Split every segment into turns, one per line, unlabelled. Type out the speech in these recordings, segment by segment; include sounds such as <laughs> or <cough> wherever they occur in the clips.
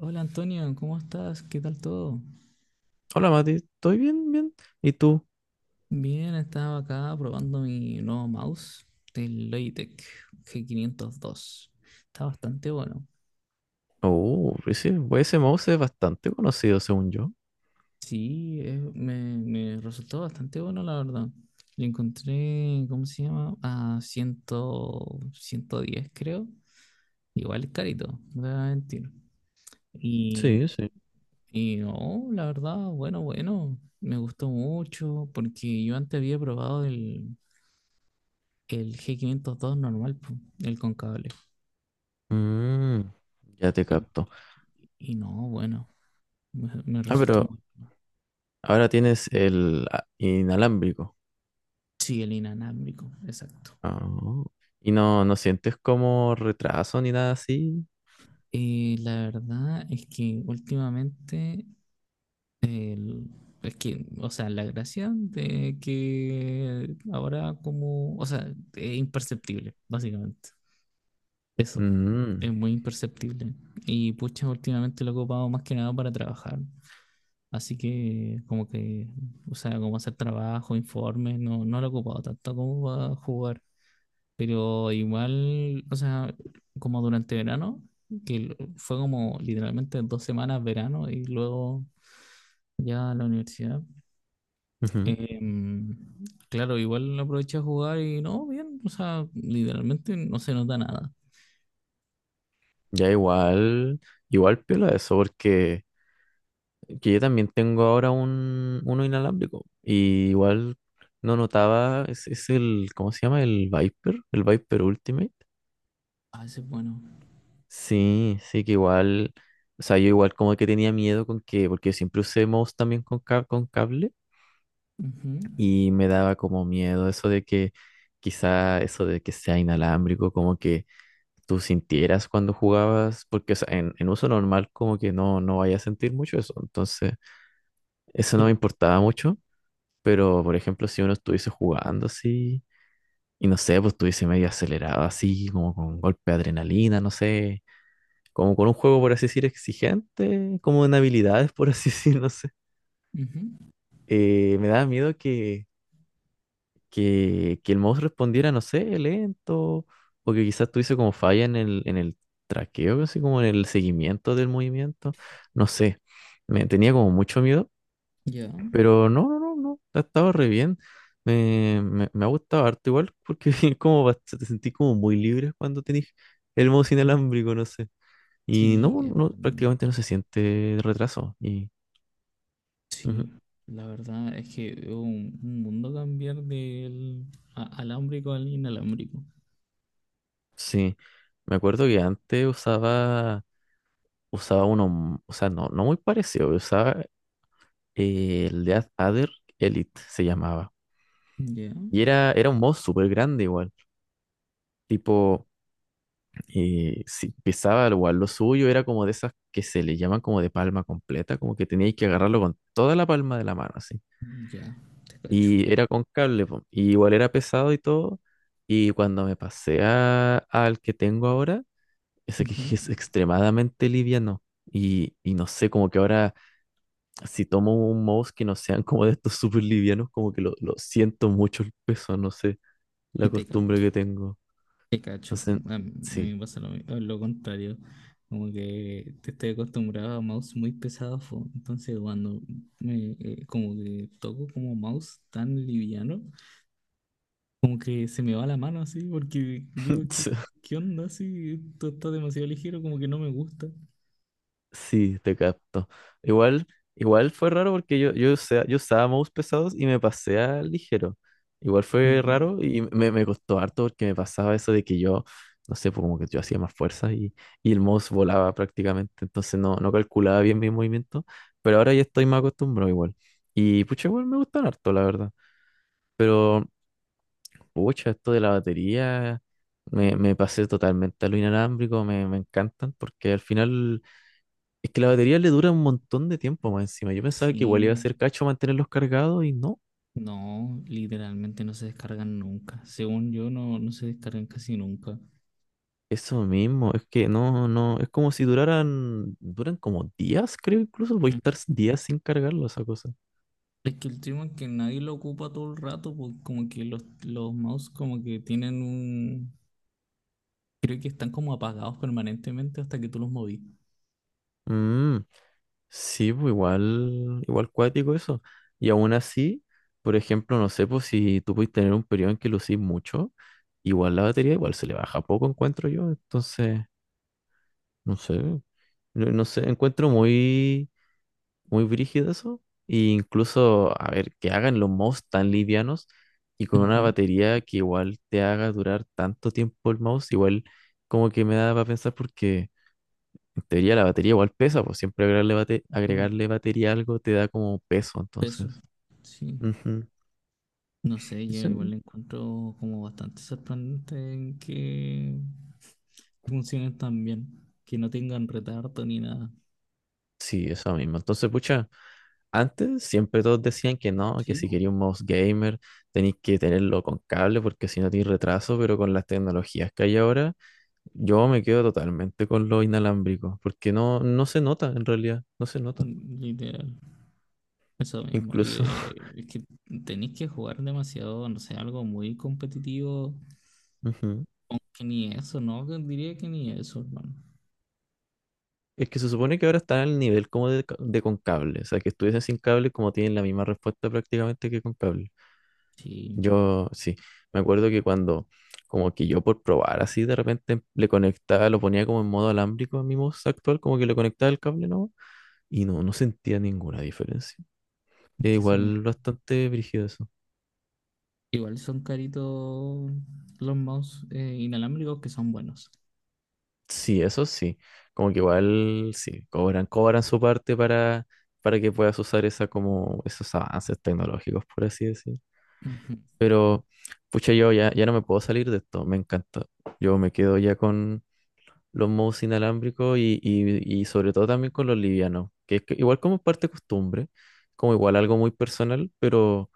Hola Antonio, ¿cómo estás? ¿Qué tal todo?
Hola Mati, ¿estoy bien? Bien. ¿Y tú?
Bien, estaba acá probando mi nuevo mouse del Logitech G502. Está bastante bueno.
Oh, ese mouse es bastante conocido, según yo.
Me resultó bastante bueno, la verdad. Le encontré, ¿cómo se llama? A 100, 110, creo. Igual es carito, no te voy a mentir. Y,
Sí, sí.
y no, la verdad, bueno. Me gustó mucho porque yo antes había probado el g quinientos dos normal, po, el con cable.
Mm, ya te capto.
Y no, bueno, me
Ah,
resultó
pero
muy.
ahora tienes el inalámbrico.
Sí, el inalámbrico, exacto.
Ah, y no, no sientes como retraso ni nada así.
La verdad es que últimamente, el- es que, o sea, la gracia de que ahora como, o sea, es imperceptible, básicamente. Eso, es
Mm,
muy imperceptible. Y pucha, últimamente lo he ocupado más que nada para trabajar. Así que como que, o sea, como hacer trabajo, informes, no, no lo he ocupado tanto como para jugar. Pero igual, o sea, como durante verano, fue como literalmente dos semanas verano y luego ya la universidad.
ujú.
em, claro, igual lo aproveché a jugar y no, bien, o sea, literalmente no se nota nada.
Ya igual, piola eso, porque que yo también tengo ahora uno inalámbrico. Y igual no notaba, es el, ¿cómo se llama? El Viper Ultimate.
A veces, bueno.
Sí, sí, que igual, o sea, yo igual como que tenía miedo con que, porque siempre usé mouse también con, con cable,
Ujú.
y me daba como miedo eso de que quizá eso de que sea inalámbrico, como que tú sintieras cuando jugabas, porque o sea, en uso normal como que no, no vaya a sentir mucho eso. Entonces, eso no me
Pero
importaba mucho. Pero, por ejemplo, si uno estuviese jugando así, y no sé, pues estuviese medio acelerado así, como con un golpe de adrenalina, no sé, como con un juego, por así decir, exigente, como en habilidades, por así <laughs> decir, no sé.
ujú,
Me daba miedo que, que el mouse respondiera, no sé, lento, o que quizás tuviese como falla en el traqueo, así como en el seguimiento del movimiento, no sé. Me tenía como mucho miedo.
ya.
Pero no, no, no, no, ha estado re bien. Me ha gustado harto igual, porque <laughs> como te sentís como muy libre cuando tenés el mouse inalámbrico, no sé. Y
Sí,
no,
es
no,
verdad.
prácticamente no se siente retraso. Y ujú,
Sí, la verdad es que es un mundo cambiar del alámbrico al inalámbrico.
sí, me acuerdo que antes usaba uno, o sea, no, no muy parecido, usaba el de Ader Elite, se llamaba.
Ya,
Y era un mouse súper grande igual, tipo, si pisaba igual lo suyo, era como de esas que se le llaman como de palma completa, como que teníais que agarrarlo con toda la palma de la mano, así.
ya, te cacho.
Y era con cable, po, y igual era pesado y todo. Y cuando me pasé al que tengo ahora, ese que
Ujú.
<laughs> es extremadamente liviano. Y no sé, como que ahora si tomo un mouse que no sean como de estos súper livianos, como que lo siento mucho el peso, no sé, la
Y te
costumbre
capto,
que tengo.
te cacho.
Entonces,
A mí
sí.
me pasa lo contrario. Como que te estoy acostumbrado a mouse muy pesado, fo. Entonces cuando me, como que toco como mouse tan liviano, como que se me va la mano así, porque digo, ¿qué,
<laughs>
qué onda? Así, esto está demasiado ligero, como que no me gusta.
Sí, te capto. Igual, igual fue raro porque yo, yo usaba mouse pesados y me pasé a ligero. Igual fue
Ujú.
raro y me costó harto porque me pasaba eso de que yo, no sé, pues como que yo hacía más fuerza y el mouse volaba prácticamente. Entonces no, no calculaba bien mi movimiento, pero ahora ya estoy más acostumbrado igual. Y pucha, igual me gustan harto, la verdad. Pero, pucha, esto de la batería, me pasé totalmente a lo inalámbrico, me encantan porque al final... Es que la batería le dura un montón de tiempo más encima. Yo pensaba que igual iba a
Sí,
ser cacho mantenerlos cargados y no.
no, literalmente no se descargan nunca. Según yo, no, no se descargan casi nunca.
Eso mismo, es que no, no, es como si duraran, duran como días, creo, incluso voy a
Mm.
estar días sin cargarlo esa cosa.
Es que el tema es que nadie lo ocupa todo el rato, porque como que los mouse como que tienen un... Creo que están como apagados permanentemente hasta que tú los movís.
Mm, sí, pues igual, igual cuático eso. Y aún así, por ejemplo, no sé, pues si tú puedes tener un periodo en que lo lucís mucho, igual la batería igual se le baja poco, encuentro yo. Entonces, no sé, no, no sé, encuentro muy... muy brígido eso. E incluso, a ver, que hagan los mouse tan livianos y con una
Ujú.
batería que igual te haga durar tanto tiempo el mouse, igual como que me da para pensar, porque en teoría la batería igual pesa, pues siempre agregarle,
Yo,
agregarle batería a algo te da como peso,
peso.
entonces.
Sí.
Ujú.
No sé, yo
Eso...
igual lo encuentro como bastante sorprendente en que funcionen tan bien, que no tengan retardo ni nada.
Sí, eso mismo. Entonces, pucha. Antes siempre todos decían que no, que
Sí,
si
po,
quería un mouse gamer tenéis que tenerlo con cable porque si no tienes retraso, pero con las tecnologías que hay ahora, yo me quedo totalmente con lo inalámbrico, porque no, no se nota en realidad, no se nota.
literal. Eso mismo, y,
Incluso, <laughs>
es que tenéis que jugar demasiado, no sé, algo muy competitivo,
ujú.
que ni eso, ¿no? Que diría que ni eso, hermano.
Es que se supone que ahora están al nivel como de, de con cable, o sea, que estuviesen sin cable como tienen la misma respuesta prácticamente que con cable.
Sí,
Yo sí, me acuerdo que cuando, como que yo por probar así de repente le conectaba, lo ponía como en modo alámbrico a mi voz actual, como que le conectaba el cable, ¿no? Y no, no sentía ninguna diferencia.
es
Es
que eso,
igual bastante brígido.
igual son caritos los mouse inalámbricos que son buenos.
Sí, eso sí. Como que igual sí, cobran, cobran su parte para que puedas usar esa como esos avances tecnológicos, por así decir.
Ujú.
Pero, pucha, yo ya, ya no me puedo salir de esto, me encanta. Yo me quedo ya con los mouse inalámbricos y sobre todo también con los livianos, que es que igual como parte costumbre, como igual algo muy personal,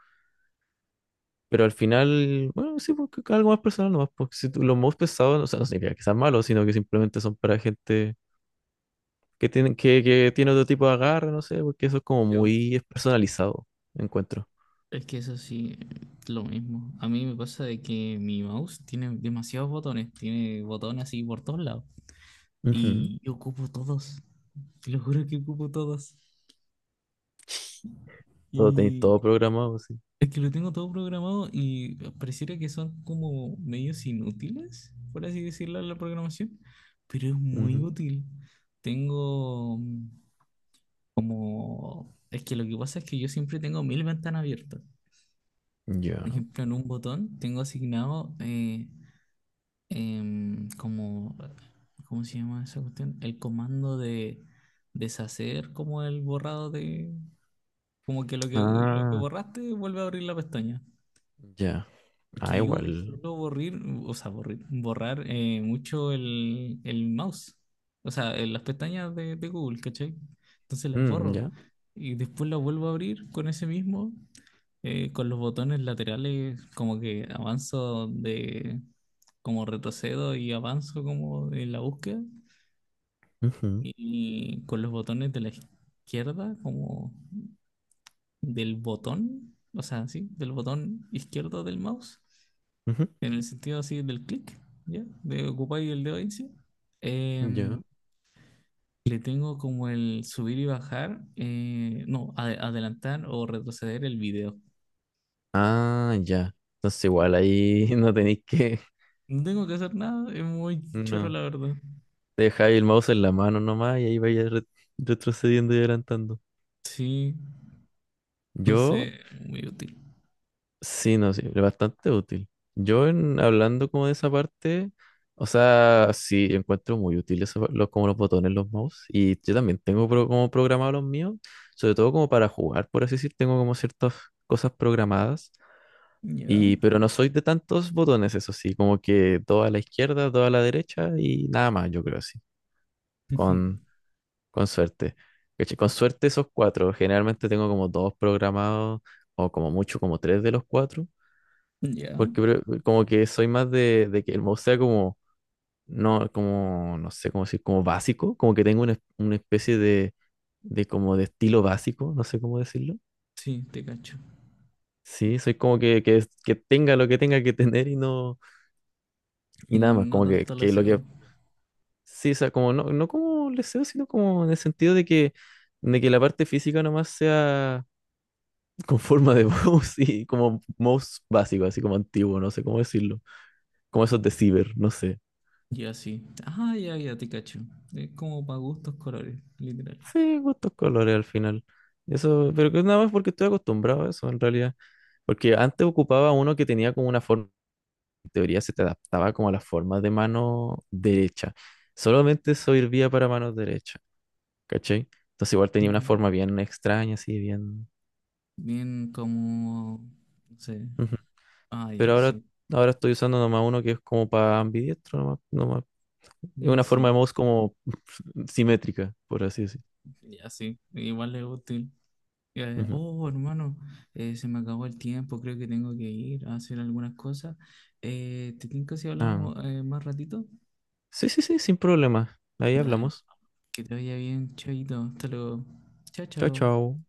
pero al final, bueno, sí, porque algo más personal nomás, porque si los mouse pesados, no, o sea, no significa que sean malos, sino que simplemente son para gente que tienen, que tiene otro tipo de agarre, no sé, porque eso es como
Yo,
muy personalizado, encuentro.
es que eso sí, lo mismo. A mí me pasa de que mi mouse tiene demasiados botones, tiene botones así por todos lados,
Ujú.
y yo ocupo todos, te lo juro que ocupo todos.
Todo tenéis todo
Y
programado, sí.
es que lo tengo todo programado y pareciera que son como medios inútiles, por así decirlo, la programación, pero es muy
Ujú.
útil. Tengo como... Es que lo que pasa es que yo siempre tengo mil ventanas abiertas. Por
Ya.
ejemplo, en un botón tengo asignado como... ¿Cómo se llama esa cuestión? El comando de deshacer como el borrado de... Como que lo que
Ah,
borraste vuelve a abrir la pestaña.
ya. Ah,
Porque yo
igual.
suelo borrir, o sea, borrar mucho el mouse, o sea, en las pestañas de Google, ¿cachai? Entonces las
Mm,
borro
ya.
y después las vuelvo a abrir con ese mismo, con los botones laterales, como que avanzo de, como retrocedo y avanzo como en la búsqueda,
Ujú,
y con los botones de la izquierda, como del botón, o sea, sí, del botón izquierdo del mouse
ujú.
en el sentido así del clic, ¿ya? De ocupar el dedo índice.
Ya.
Em, Le tengo como el subir y bajar, no, ade- adelantar o retroceder el video.
Ah, ya. Entonces igual ahí <laughs> no tenéis que.
No tengo que hacer nada, es muy chorro
No.
la verdad.
Dejáis el mouse en la mano nomás y ahí vais retrocediendo y adelantando.
Sí,
Yo...
entonces, muy útil.
Sí, no, sí, es bastante útil. Yo en, hablando como de esa parte, o sea, sí, encuentro muy útil eso, como los botones, los mouse, y yo también tengo como programados los míos, sobre todo como para jugar, por así decir, tengo como ciertas cosas programadas,
Ya,
y, pero no soy de tantos botones, eso sí, como que dos a la izquierda, dos a la derecha y nada más, yo creo así, con,
<laughs>
con suerte. Caché. Con suerte esos cuatro, generalmente tengo como dos programados o como mucho como tres de los cuatro.
ya,
Porque como que soy más de que el mouse sea como, no sé cómo decir, como básico, como que tengo una, una especie de como de estilo básico, no sé cómo decirlo.
sí, te cacho.
Sí, soy como que, que tenga lo que tenga que tener y no, y
Y
nada más,
no
como
tanto el
que lo
deseo.
que, sí, o sea, como no, no como deseo, sino como en el sentido de que la parte física nomás sea <laughs> con forma de <laughs> mouse y como mouse básico, así como antiguo, no sé cómo decirlo, como esos de ciber, no sé.
Ya sí. Ah, ya, ya, te cacho. Es como para gustos colores, literal.
Sí, gustos colores al final. Eso, pero que nada más porque estoy acostumbrado a eso en realidad. Porque antes ocupaba uno que tenía como una forma, en teoría se te adaptaba como a la forma de mano derecha. Solamente eso servía para mano derecha, ¿cachai? Entonces igual
Ya.
tenía una forma bien extraña, así bien.
Bien como, no sé.
Ujú.
Ah,
Pero
ya,
ahora,
sí.
ahora estoy usando nomás uno que es como para ambidiestro, nomás, nomás. Es
Ya
una forma de
sí,
mouse como <laughs> simétrica, por así decir.
ya sí, igual es útil.
Ujú.
Oh, hermano, se me acabó el tiempo, creo que tengo que ir a hacer algunas cosas. ¿Te tinca si
Ah,
hablamos más ratito?
sí, sí, sí, sin problema. Ahí
Dale,
hablamos.
que te vaya bien, chaito, hasta luego. Chao,
Chao,
chao.
chao.